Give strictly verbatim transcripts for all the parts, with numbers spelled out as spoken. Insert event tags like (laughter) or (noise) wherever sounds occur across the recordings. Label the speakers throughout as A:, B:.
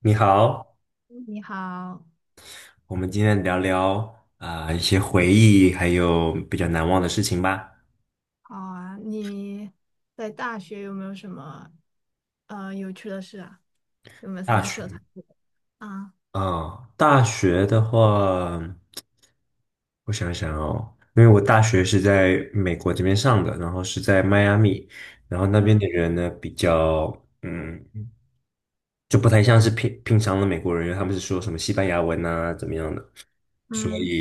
A: 你好，
B: 你好，
A: 我们今天聊聊啊、一些回忆，还有比较难忘的事情吧。
B: 好啊，你在大学有没有什么呃有趣的事啊？有没有参
A: 大
B: 加社
A: 学，
B: 团之类的啊，
A: 啊、大学的话，我想想哦，因为我大学是在美国这边上的，然后是在迈阿密，然后那边
B: 嗯
A: 的人呢比较，嗯，就不太像是平平常的美国人，因为他们是说什么西班牙文啊，怎么样的，
B: 嗯，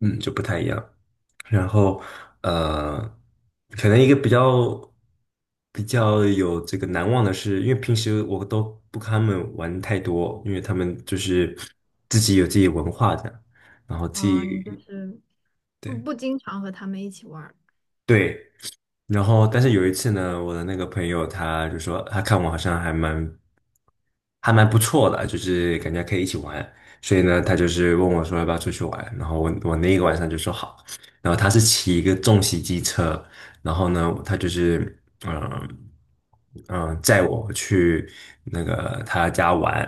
A: 嗯，就不太一样。然后呃，可能一个比较比较有这个难忘的是，因为平时我都不跟他们玩太多，因为他们就是自己有自己文化的，然后自
B: 哦，你就
A: 己。
B: 是不
A: 对
B: 不经常和他们一起玩儿，
A: 对，然后，但是有一次呢，我的那个朋友他就说，他看我好像还蛮还蛮不错的，就是感觉可以一起玩，所以呢，他就是问我说要不要出去玩，然后我我那一个晚上就说好，然后他是骑一个重型机车，然后呢，他就是嗯嗯载我去那个他家玩，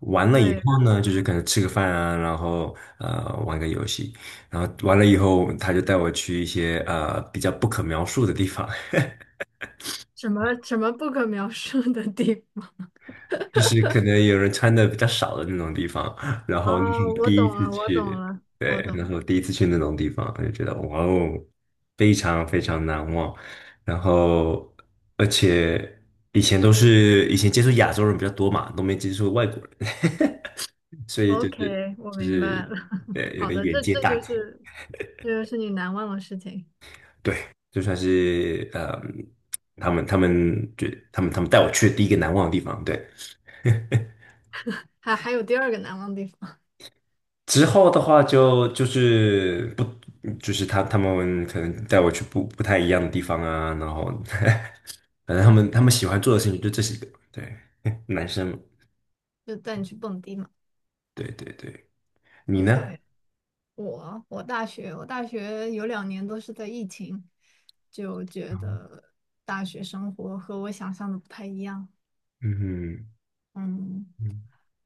A: 完了以
B: 对，
A: 后呢，就是可能吃个饭啊，然后呃玩个游戏，然后完了以后他就带我去一些呃比较不可描述的地方。
B: 什么什么不可描述的地方？
A: 就是可能有人穿的比较少的那种地方，然后那是
B: 哦，
A: 我
B: 我
A: 第一
B: 懂
A: 次
B: 了，我懂
A: 去。
B: 了，我
A: 对，
B: 懂
A: 那是
B: 了
A: 我第一次去那种地方，就觉得哇哦，非常非常难忘。然后，而且以前都是以前接触亚洲人比较多嘛，都没接触外国人，(laughs) 所以就是
B: ，OK，我
A: 就
B: 明白
A: 是
B: 了。
A: 呃
B: (laughs)
A: 有
B: 好
A: 点
B: 的，
A: 眼
B: 这
A: 界
B: 这
A: 大
B: 就
A: 开。
B: 是这就是你难忘的事情，
A: 对，就算是呃他们他们觉他们他们带我去的第一个难忘的地方，对。
B: 还还有第二个难忘的地方，
A: 之后的话就就是不就是他他们可能带我去不不太一样的地方啊，然后 (laughs) 反正他们他们喜欢做的事情就这些个，对，(laughs) 男生嘛，
B: 就带你去蹦迪嘛
A: 对对对，你呢？
B: ，OK。我我大学我大学有两年都是在疫情，就觉得大学生活和我想象的不太一样。
A: 嗯，
B: 嗯，
A: 嗯，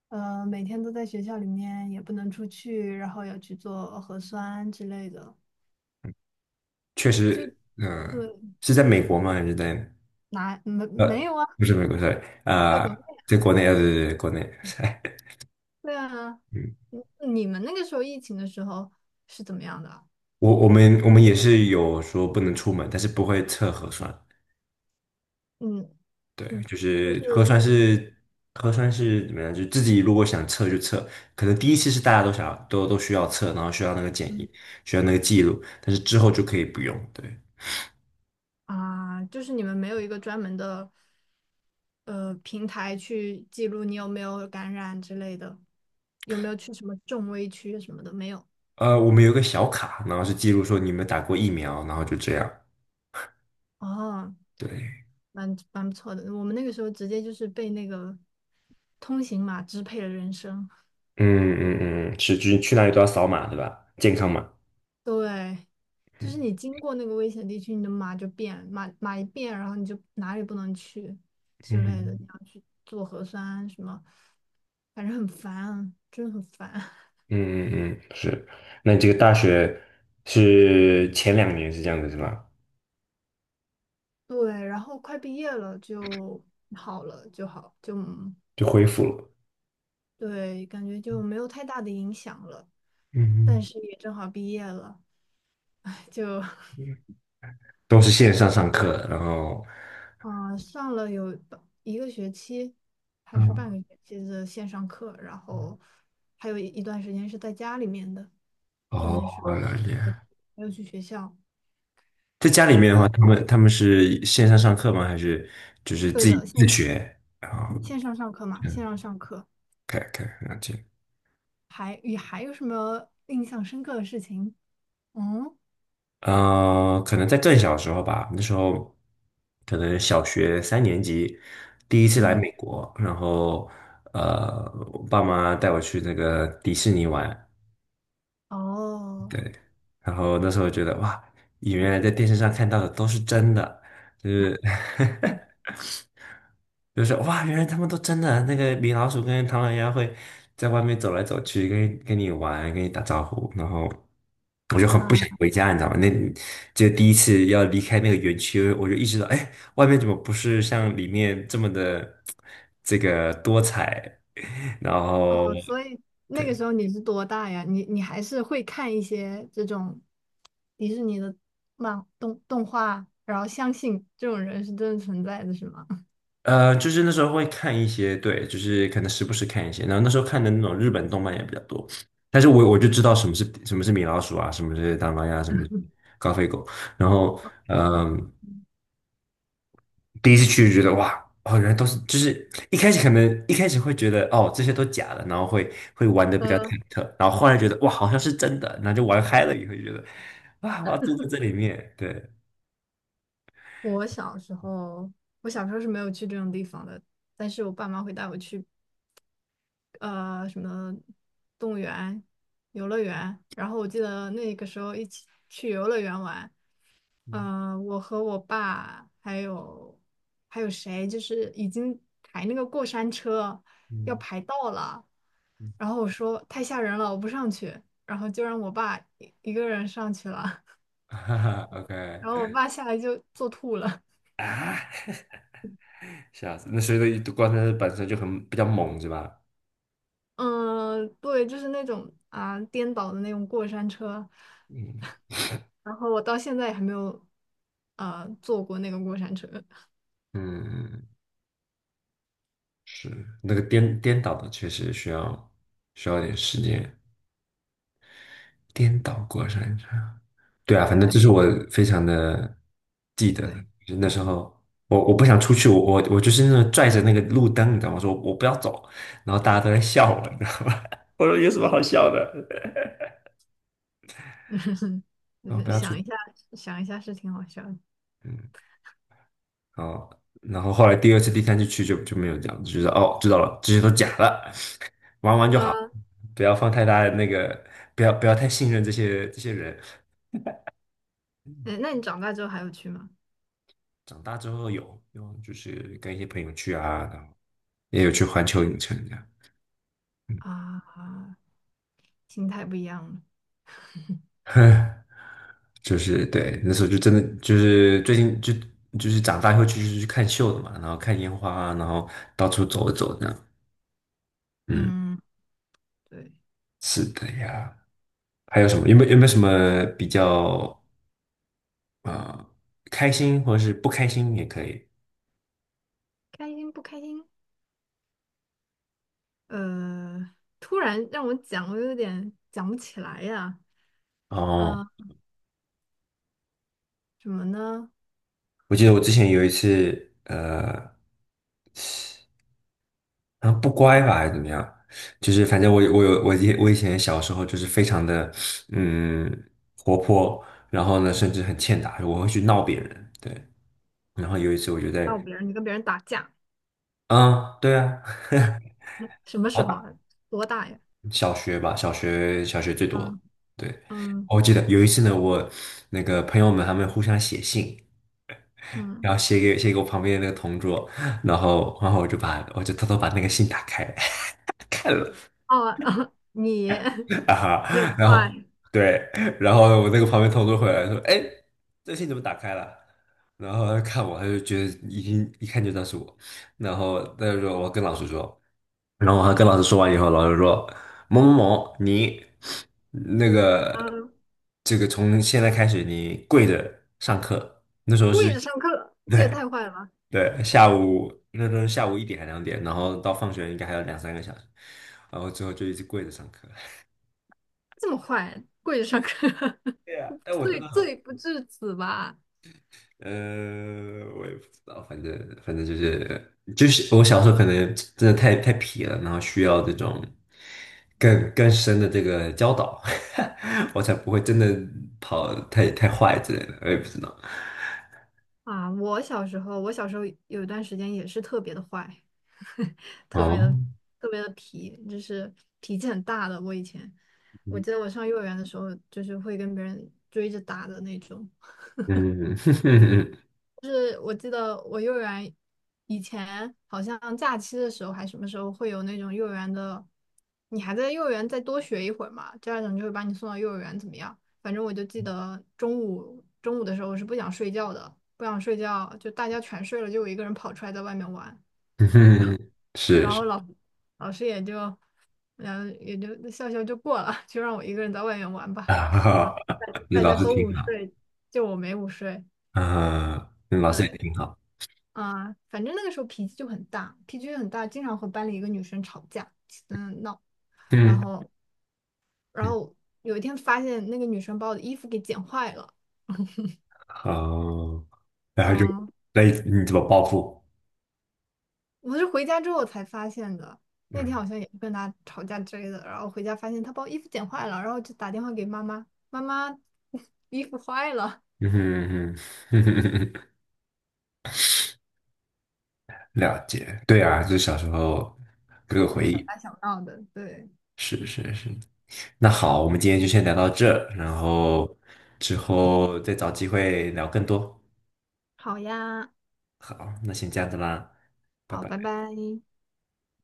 B: 呃，每天都在学校里面，也不能出去，然后要去做核酸之类的。
A: 确
B: 就
A: 实。嗯、
B: 对，
A: 是在美国吗？还是在
B: 哪没没
A: 呃，
B: 有啊？
A: 不是美国，sorry,
B: 在
A: 啊、
B: 国内，
A: 在国内，呃，对对对，国内，(laughs)
B: 对啊。
A: 嗯，
B: 你你们那个时候疫情的时候是怎么样的啊？
A: 我我们我们也是有说不能出门，但是不会测核酸，
B: 嗯
A: 对，
B: 嗯，
A: 就
B: 就
A: 是核酸
B: 是。
A: 是核酸是怎么样？就自己如果想测就测，可能第一次是大家都想要都都需要测，然后需要那个检
B: 嗯，
A: 疫，需要那个记录，但是之后就可以不用。对，
B: 啊，就是你们没有一个专门的呃平台去记录你有没有感染之类的，有没有去什么重危区什么的，没有。
A: 呃，我们有一个小卡，然后是记录说你们打过疫苗，然后就这样。
B: 哦，
A: 对，
B: 蛮蛮不错的。我们那个时候直接就是被那个通行码支配了人生。
A: 嗯嗯，嗯，是就是去哪里都要扫码，对吧？健康码。
B: 对，就是
A: 嗯
B: 你经过那个危险地区，你的码就变，码码一变，然后你就哪里不能去之类的，
A: 嗯，
B: 你要去做核酸什么，反正很烦啊，真的很烦。
A: 嗯嗯，嗯，是。那你这个大学是前两年是这样子是吧？
B: 对，然后快毕业了就好了，就好，就嗯
A: 就恢复了。
B: 对，感觉就没有太大的影响了。但
A: 嗯
B: 是也正好毕业了，(laughs) 就
A: 嗯。都是线上上课，然后，
B: 嗯、呃上了有半一个学期还是半
A: 嗯，
B: 个学期的线上课，然后还有一一段时间是在家里面的，就
A: 哦，
B: 那时
A: 我了解。
B: 候没有去学校
A: 在家里面的话，他
B: 啊。
A: 们他们是线上上课吗？还是就是
B: 对
A: 自己
B: 的，
A: 自
B: 线
A: 学？然后，
B: 线上上课嘛，线
A: 嗯
B: 上上课，
A: ，OK，OK，了解。
B: 还也还有什么印象深刻的事情？嗯
A: 呃，可能在更小的时候吧，那时候可能小学三年级，第一次来
B: 嗯。
A: 美国，然后呃，我爸妈带我去那个迪士尼玩，
B: 哦，
A: 对，然后那时候觉得哇，原来在电视上看到的都是真的，就是 (laughs) 就是哇，原来他们都真的那个米老鼠跟唐老鸭会在外面走来走去，跟跟你玩，跟你打招呼，然后我就很不
B: 啊，
A: 想回家，你知道吗？那就第一次要离开那个园区，我就意识到，哎，外面怎么不是像里面这么的这个多彩？(laughs) 然后
B: 哦，所以那个
A: 对，
B: 时候你是多大呀？你你还是会看一些这种迪士尼的漫动动画，然后相信这种人是真的存在的，是吗？(laughs)
A: 呃，就是那时候会看一些，对，就是可能时不时看一些，然后那时候看的那种日本动漫也比较多，但是我我就知道什么是什么是米老鼠啊，什么是大妈呀，什么是高飞狗，然后嗯、第一次去就觉得哇，哦，原来都是，就是一开始可能一开始会觉得哦这些都假的，然后会会玩的比较
B: 呃，
A: 忐忑，然后后来觉得哇好像是真的，然后就玩嗨了以后就觉得啊我要住在这里面，对，
B: 我小时候，我小时候是没有去这种地方的，但是我爸妈会带我去呃什么动物园、游乐园，然后我记得那个时候一起去游乐园玩，
A: 嗯
B: 嗯、呃我和我爸还有还有谁，就是已经排那个过山车要
A: 嗯
B: 排到了，
A: 嗯
B: 然后我说太吓人了，我不上去，然后就让我爸一一个人上去了，
A: (laughs)，哈哈，OK
B: (laughs) 然后我爸下来就坐吐了。
A: 啊。吓死！那所以那光车本身就很比较猛，是吧？
B: 嗯，对，就是那种啊颠倒的那种过山车，
A: 嗯
B: 然后我到现在也还没有呃坐过那个过山车。
A: 嗯，是那个颠颠倒的，确实需要需要点时间。颠倒过山车，对啊，反
B: 对
A: 正
B: 啊，
A: 这是我非常的记得的。
B: 对，
A: 就是那时候我我不想出去，我我我就是那种拽着那个路灯，你知道吗？我说我不要走，然后大家都在笑我，你知道吗？(laughs) 我说有什么好笑的？(laughs)
B: 就
A: 我不
B: 是
A: 要出
B: 想一
A: 去。
B: 下想一下是挺好笑的。
A: 嗯。哦，然后后来第二次、第三次去就就没有这样，就是哦，知道了，这些都假的，(laughs) 玩玩就好，
B: 嗯，
A: 不要放太大的那个，不要不要太信任这些这些人。
B: 那那你长大之后还有去吗？
A: 长大之后有有就是跟一些朋友去啊，然后也有去环球影城
B: 啊，心态不一样了。
A: 这样，(laughs) 就是对，那时候就真的就是最近就就是长大以后去就是去看秀的嘛，然后看烟花啊然后到处走一走这样。嗯，
B: 嗯，对，
A: 是的呀。还有什么？有没有有没有什么比较？啊，开心或者是不开心也可以。
B: 开心不开心？呃，突然让我讲，我有点讲不起来呀。
A: 哦，
B: 嗯、呃什么呢？
A: 我记得我之前有一次，呃，然后不乖吧，还是怎么样？就是反正我我有我以我以前小时候就是非常的嗯活泼，然后呢甚至很欠打，我会去闹别人。对，然后有一次我就
B: 闹
A: 在。
B: 别人，你跟别人打架，
A: 嗯对啊，
B: 嗯什么时
A: 好
B: 候
A: 打，
B: 啊？多大呀？
A: 小学吧，小学小学最多。
B: 嗯
A: 对，
B: 嗯
A: 我记得有一次呢，我那个朋友们他们互相写信，
B: 嗯，
A: 然后写给写给我旁边的那个同桌，然后然后我就把我就偷偷把那个信打开 (laughs) 看了
B: 哦，(laughs) 你 (laughs)
A: 啊
B: 你很
A: 哈，然后
B: 坏，
A: 对，然后我那个旁边同桌回来说，哎，这信怎么打开了？然后他看我，他就觉得已经一看就知道是我，然后他就说我跟老师说，然后我还跟老师说完以后，老师说某某某你那个
B: 嗯，
A: 这个从现在开始你跪着上课，那时候是
B: 跪着上课，这也
A: 对。
B: 太坏了吧？
A: 对，下午那都是下午一点还两点，然后到放学应该还有两三个小时，然后之后就一直跪着上课。
B: 这么坏，跪着上课，(laughs)
A: 对呀，但我真
B: 罪
A: 的很，
B: 罪不至此吧？
A: 呃，我也不知道，反正反正就是就是我小时候可能真的太太皮了，然后需要这种更更深的这个教导，(laughs) 我才不会真的跑太太坏之类的，我也不知道。
B: 啊，我小时候，我小时候有一段时间也是特别的坏，(laughs) 特别的
A: 哦，
B: 特别的皮，就是脾气很大的。我以前，我记得我上幼儿园的时候，就是会跟别人追着打的那种。
A: 嗯，(laughs)
B: 就是我记得我幼儿园以前好像假期的时候还什么时候会有那种幼儿园的，你还在幼儿园再多学一会儿嘛，家长就会把你送到幼儿园怎么样？反正我就记得中午中午的时候我是不想睡觉的，不想睡觉，就大家全睡了，就我一个人跑出来在外面玩，
A: 嗯是
B: 然
A: 是
B: 后老老师也就嗯也就笑笑就过了，就让我一个人在外面玩吧，然
A: 啊，
B: 后大家
A: (laughs) 你
B: 大
A: 老
B: 家
A: 师
B: 都
A: 挺
B: 午
A: 好。
B: 睡，就我没午睡，
A: 呃嗯，那老师也
B: 对。
A: 挺好。
B: 啊，反正那个时候脾气就很大，脾气就很大，经常和班里一个女生吵架，嗯闹，然
A: 嗯
B: 后然
A: 嗯
B: 后有一天发现那个女生把我的衣服给剪坏了，(laughs)
A: 好。然后就，
B: 嗯，
A: 那你怎么报复？
B: 我是回家之后才发现的，那天
A: 嗯，
B: 好像也是跟她吵架之类的，然后回家发现她把我衣服剪坏了，然后就打电话给妈妈，妈妈 (laughs) 衣服坏了，
A: 嗯哼，嗯哼，(laughs) 了解，对啊，就是小时候各个
B: (laughs) 哎，
A: 回
B: 小
A: 忆，
B: 打小闹的，对，
A: 是是是。那好，我们今天就先聊到这，然后之后再找机会聊更多。
B: 好呀，
A: 好，那先这样子啦，拜
B: 好，
A: 拜。
B: 拜拜。